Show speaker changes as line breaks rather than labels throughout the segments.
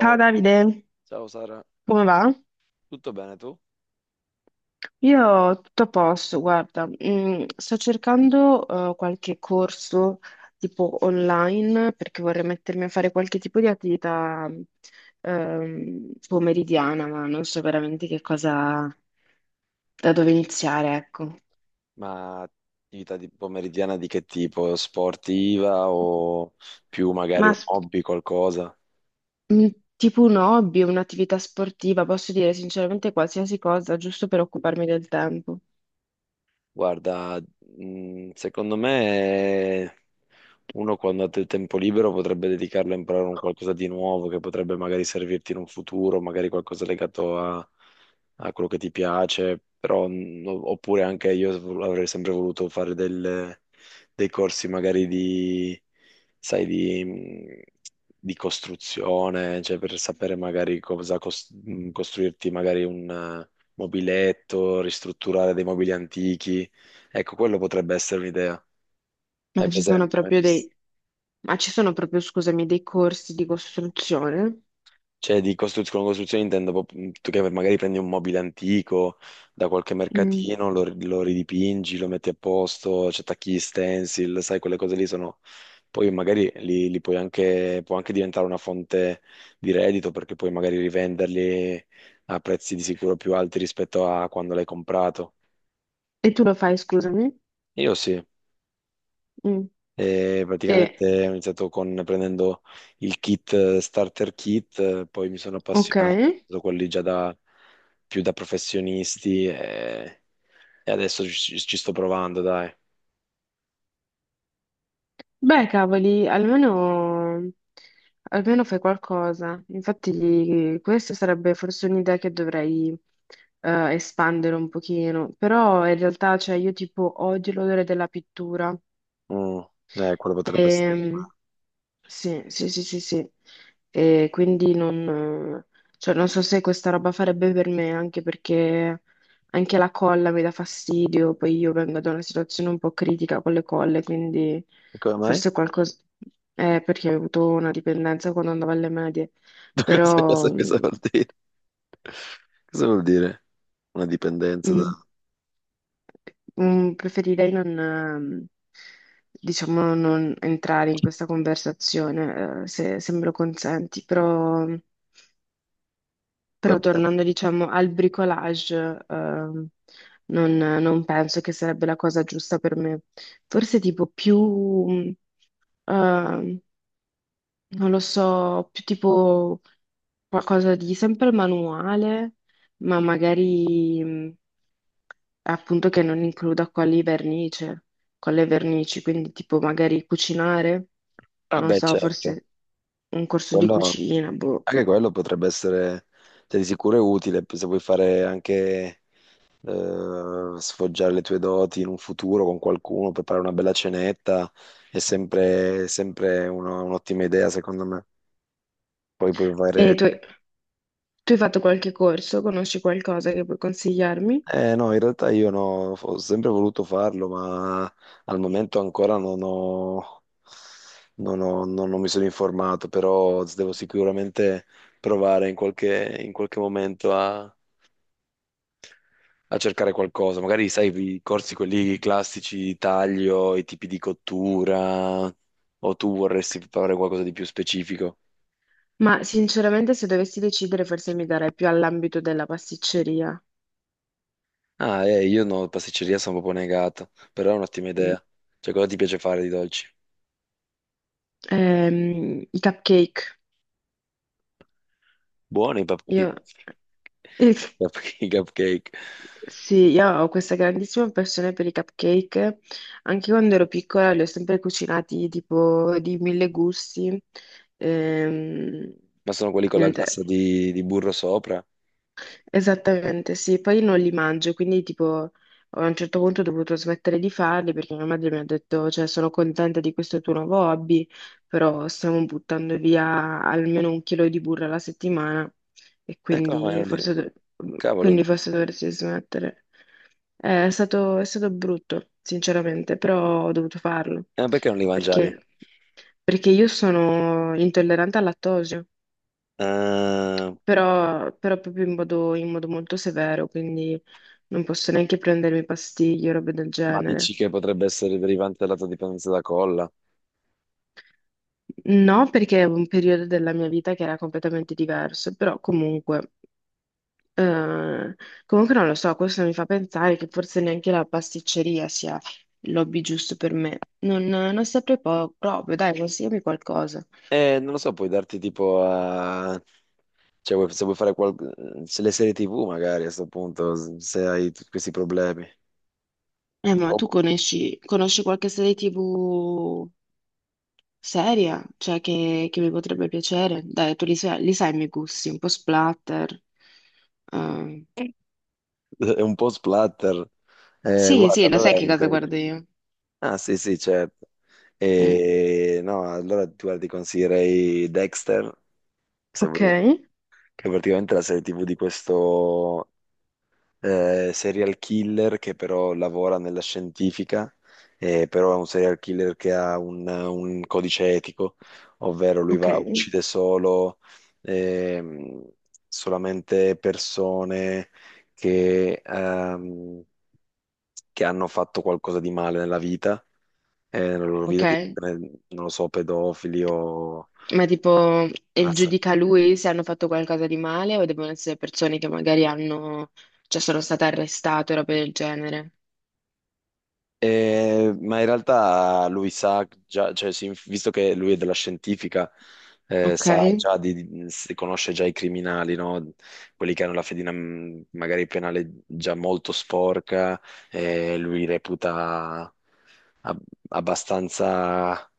Ciao Davide,
ciao Sara,
come va?
tutto bene tu?
Io tutto a posto, guarda, sto cercando qualche corso tipo online perché vorrei mettermi a fare qualche tipo di attività pomeridiana, ma non so veramente che cosa, da dove iniziare, ecco.
Ma attività di pomeridiana di che tipo? Sportiva o più magari
Ma
un
s-
hobby, qualcosa?
tipo un hobby, un'attività sportiva, posso dire sinceramente qualsiasi cosa, giusto per occuparmi del tempo.
Guarda, secondo me uno quando ha del tempo libero potrebbe dedicarlo a imparare un qualcosa di nuovo che potrebbe magari servirti in un futuro, magari qualcosa legato a, a quello che ti piace, però, oppure anche io avrei sempre voluto fare dei corsi magari di, sai, di costruzione, cioè per sapere magari costruirti magari un mobiletto, ristrutturare dei mobili antichi. Ecco, quello potrebbe essere un'idea.
Ma
Hai
ci sono
presente?
proprio dei, Ma ci sono proprio, scusami, dei corsi di costruzione?
Cioè, con costruzione intendo tu che magari prendi un mobile antico da qualche
Mm.
mercatino, lo ridipingi, lo metti a posto, ci attacchi gli stencil, sai, quelle cose lì sono. Poi magari li puoi anche, può anche diventare una fonte di reddito perché puoi magari rivenderli a prezzi di sicuro più alti rispetto a quando l'hai comprato.
E tu lo fai, scusami?
Io sì.
Mm.
E
E,
praticamente ho iniziato con, prendendo il kit starter kit, poi mi sono
ok.
appassionato, ho preso quelli già da, più da professionisti e adesso ci sto provando, dai.
Beh, cavoli, almeno, almeno fai qualcosa. Infatti, questa sarebbe forse un'idea che dovrei espandere un pochino. Però in realtà, cioè, io tipo odio l'odore della pittura.
Mm, quello potrebbe essere.
Ehm, Sì, sì, sì, sì, sì. E quindi non, cioè, non so se questa roba farebbe per me, anche perché anche la colla mi dà fastidio, poi io vengo da una situazione un po' critica con le colle, quindi
E come mai?
forse qualcosa... perché ho avuto una dipendenza quando andavo alle medie, però
Cosa
mm,
vuol dire? Cosa vuol dire? Una dipendenza da...
mm, preferirei non, diciamo, non entrare in questa conversazione, se me lo consenti, però... Però
Vabbè.
tornando, diciamo, al bricolage, non penso che sarebbe la cosa giusta per me. Forse tipo più, mh, ehm, non lo so, più tipo qualcosa di sempre manuale, ma magari appunto che non includa con con le vernici, quindi tipo magari cucinare,
Ah
non
beh,
so,
certo.
forse un corso di
Quello,
cucina, boh.
anche quello potrebbe essere, cioè, di sicuro è utile, se vuoi fare anche sfoggiare le tue doti in un futuro con qualcuno, preparare una bella cenetta è sempre, un'ottima idea, secondo me. Poi puoi fare...
E tu, Tu hai fatto qualche corso, conosci qualcosa che puoi consigliarmi?
Eh no, in realtà io no, ho sempre voluto farlo, ma al momento ancora non ho, non ho- non- non mi sono informato, però devo sicuramente provare in in qualche momento a cercare qualcosa. Magari, sai, i corsi quelli classici di taglio, i tipi di cottura, o tu vorresti fare qualcosa di più specifico?
Ma sinceramente, se dovessi decidere, forse mi darei più all'ambito della pasticceria.
Ah, io no, pasticceria sono proprio negato, però è un'ottima
Mm.
idea. Cioè, cosa ti piace fare di dolci?
I cupcake.
Buoni i
Io, eh,
i cupcake,
sì, io ho questa grandissima passione per i cupcake. Anche quando ero piccola li ho sempre cucinati tipo di mille gusti. Ehm,
ma sono quelli con la
Niente.
glassa di burro sopra?
Esattamente, sì, poi non li mangio, quindi tipo a un certo punto ho dovuto smettere di farli perché mia madre mi ha detto, cioè sono contenta di questo tuo nuovo hobby, però stiamo buttando via almeno un chilo di burro alla settimana e
Come
quindi
non li... Cavolo,
quindi forse dovresti smettere. È stato brutto, sinceramente, però ho dovuto farlo
perché non li mangiavi?
perché, perché io sono intollerante al lattosio
Eh,
però, però proprio in modo molto severo, quindi non posso neanche prendermi pastiglie o robe del
ma
genere.
dici che potrebbe essere derivante dalla tua dipendenza da colla?
No, perché è un periodo della mia vita che era completamente diverso, però comunque, eh, comunque non lo so, questo mi fa pensare che forse neanche la pasticceria sia il lobby giusto per me. Non saprei proprio, dai, consigliami qualcosa.
Non lo so, puoi darti tipo a... Cioè, se vuoi fare qual... se le serie TV magari a questo punto, se hai tutti questi problemi.
Ma
O-
tu conosci qualche serie TV seria, cioè che mi potrebbe piacere. Dai, tu li sai i miei gusti, un po' splatter. Eh,
È un po' splatter.
sì,
Guarda,
sì, lo sai
allora...
che cosa guardo io.
Ah, sì, sì, certo.
Mm,
E... No, allora tu guarda, ti consiglierei Dexter, se
ok,
vuoi, che è praticamente la serie TV di questo... serial killer che però lavora nella scientifica, però è un serial killer che ha un codice etico, ovvero lui
ok.
va, uccide solo, ehm, solamente persone che, ehm, che hanno fatto qualcosa di male nella vita, nella loro
Ok.
vita, tipo, non lo so, pedofili o
Ma tipo, e il giudica lui se hanno fatto qualcosa di male o devono essere persone che magari hanno, cioè sono state arrestate o roba del genere.
eh, ma in realtà lui sa già, cioè, sì, visto che lui è della scientifica,
Ok.
sa già di, si conosce già i criminali, no? Quelli che hanno la fedina magari penale già molto sporca, lui reputa ab- abbastanza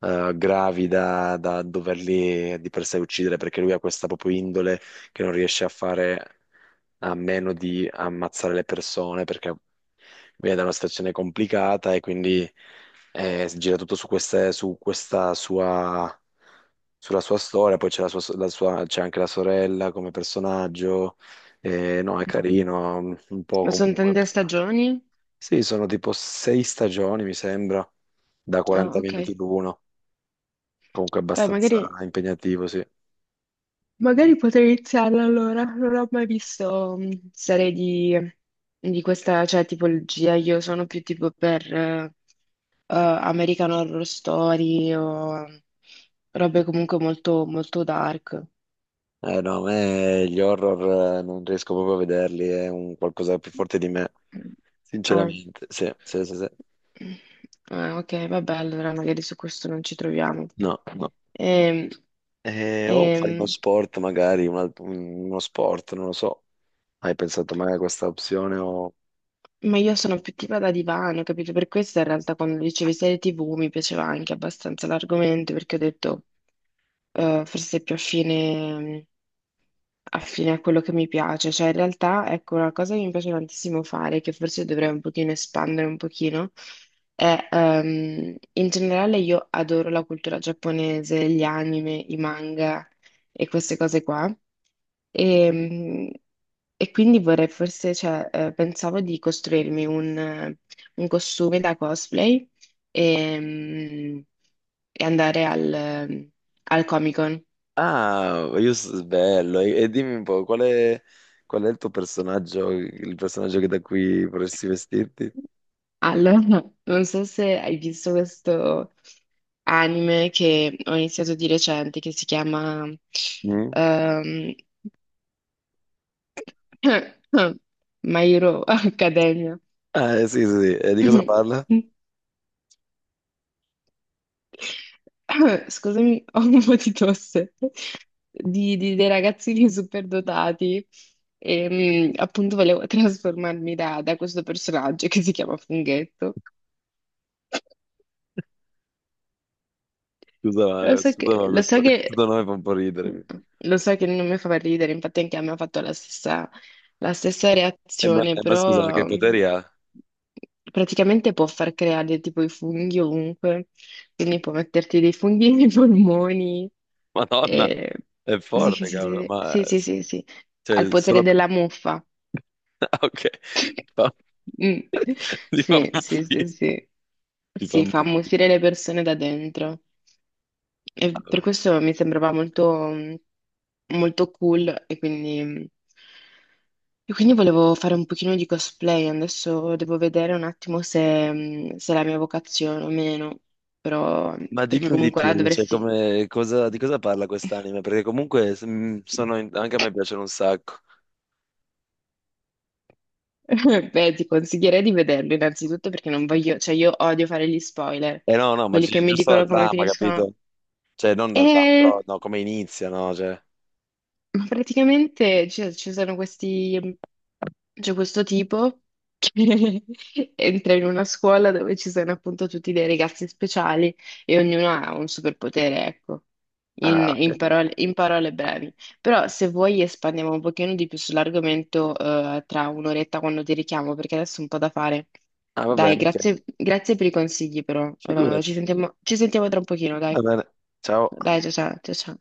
gravi da, da doverli di per sé uccidere, perché lui ha questa proprio indole che non riesce a fare a meno di ammazzare le persone perché viene da una situazione complicata e quindi gira tutto su, su questa sua, sulla sua storia, poi c'è la sua- so, la sua- c'è anche la sorella come personaggio. No, è
Mm.
carino, un po'
Ma sono
comunque.
tante stagioni?
Sì, sono tipo sei stagioni, mi sembra, da
Ah,
40
ok.
minuti l'uno, comunque
Beh,
abbastanza
magari.
impegnativo, sì.
Magari potrei iniziarla allora, non ho mai visto serie di questa cioè, tipologia, io sono più tipo per American Horror Story o robe comunque molto, molto dark.
Eh no, a me gli horror non riesco proprio a vederli, è un qualcosa più forte di me.
Ah.
Sinceramente, sì, sì, sì, sì.
Ah, ok, vabbè, allora magari su questo non ci troviamo.
No, no.
Ehm,
O fare uno
ehm,
sport, magari, uno sport, non lo so. Hai pensato mai a questa opzione o...
Ma io sono più tipo da divano, capito? Per questo in realtà quando dicevi serie TV mi piaceva anche abbastanza l'argomento perché ho detto forse è più affine, affine a quello che mi piace. Cioè in realtà ecco una cosa che mi piace tantissimo fare, che forse dovrei un pochino espandere un pochino, è in generale io adoro la cultura giapponese, gli anime, i manga e queste cose qua. E, e quindi vorrei forse, cioè, pensavo di costruirmi un costume da cosplay e, mm, e andare al Comic-Con.
Ah, bello. E dimmi un po', qual è il tuo personaggio, il personaggio che da qui vorresti vestirti?
Allora, non so se hai visto questo anime che ho iniziato di recente, che si chiama
Mm?
ehm, My Hero Academia.
Ah, sì, sì, sì. E di cosa parla?
Scusami, ho un po' di tosse dei ragazzini superdotati. Appunto volevo trasformarmi da questo personaggio che si chiama Funghetto.
Scusa,
Lo so
scusa,
che,
ma
lo so che
questo nome fa un po' ridere.
lo so che non mi fa per ridere, infatti anche a me ha fatto la stessa
E
reazione,
ma scusa, ma che poteri ha?
praticamente può far creare tipo i funghi ovunque, quindi può metterti dei funghi nei polmoni.
Madonna,
e-
è
Sì, sì,
forte, cavolo.
sì,
Ma,
sì, sì, sì, sì, sì,
cioè,
al potere
solo...
della muffa.
Ah, ok. No,
Mm.
di
Sì,
mamma
sì,
mia,
sì, sì,
di
sì, fa
mamma mia.
ammuffire le persone da dentro. E per questo mi sembrava molto, molto cool e quindi volevo fare un pochino di cosplay. Adesso devo vedere un attimo se, se è la mia vocazione o meno, però
Ma
perché
dimmi di
comunque là
più, cioè,
dovresti...
di cosa parla quest'anime? Perché comunque anche a me piacciono un sacco.
Beh, ti consiglierei di vederlo innanzitutto perché non voglio, cioè io odio fare gli spoiler,
Eh no, no, ma
quelli che mi
giusto la
dicono come
trama,
finiscono.
capito? Cioè, non la trama,
"Eh,
però no, come inizia, no? Cioè...
Ma praticamente ci sono questi c'è questo tipo che entra in una scuola dove ci sono appunto tutti dei ragazzi speciali e ognuno ha un superpotere, ecco,
Ah, ok.
in parole brevi. Però se vuoi espandiamo un pochino di più sull'argomento tra un'oretta quando ti richiamo, perché adesso è un po' da fare.
Ah, va
Dai,
bene, ok.
grazie, grazie per i consigli però.
Figurati.
Ci sentiamo tra un pochino,
Va
dai.
bene. Ciao.
Dai, ciao ciao, ciao ciao.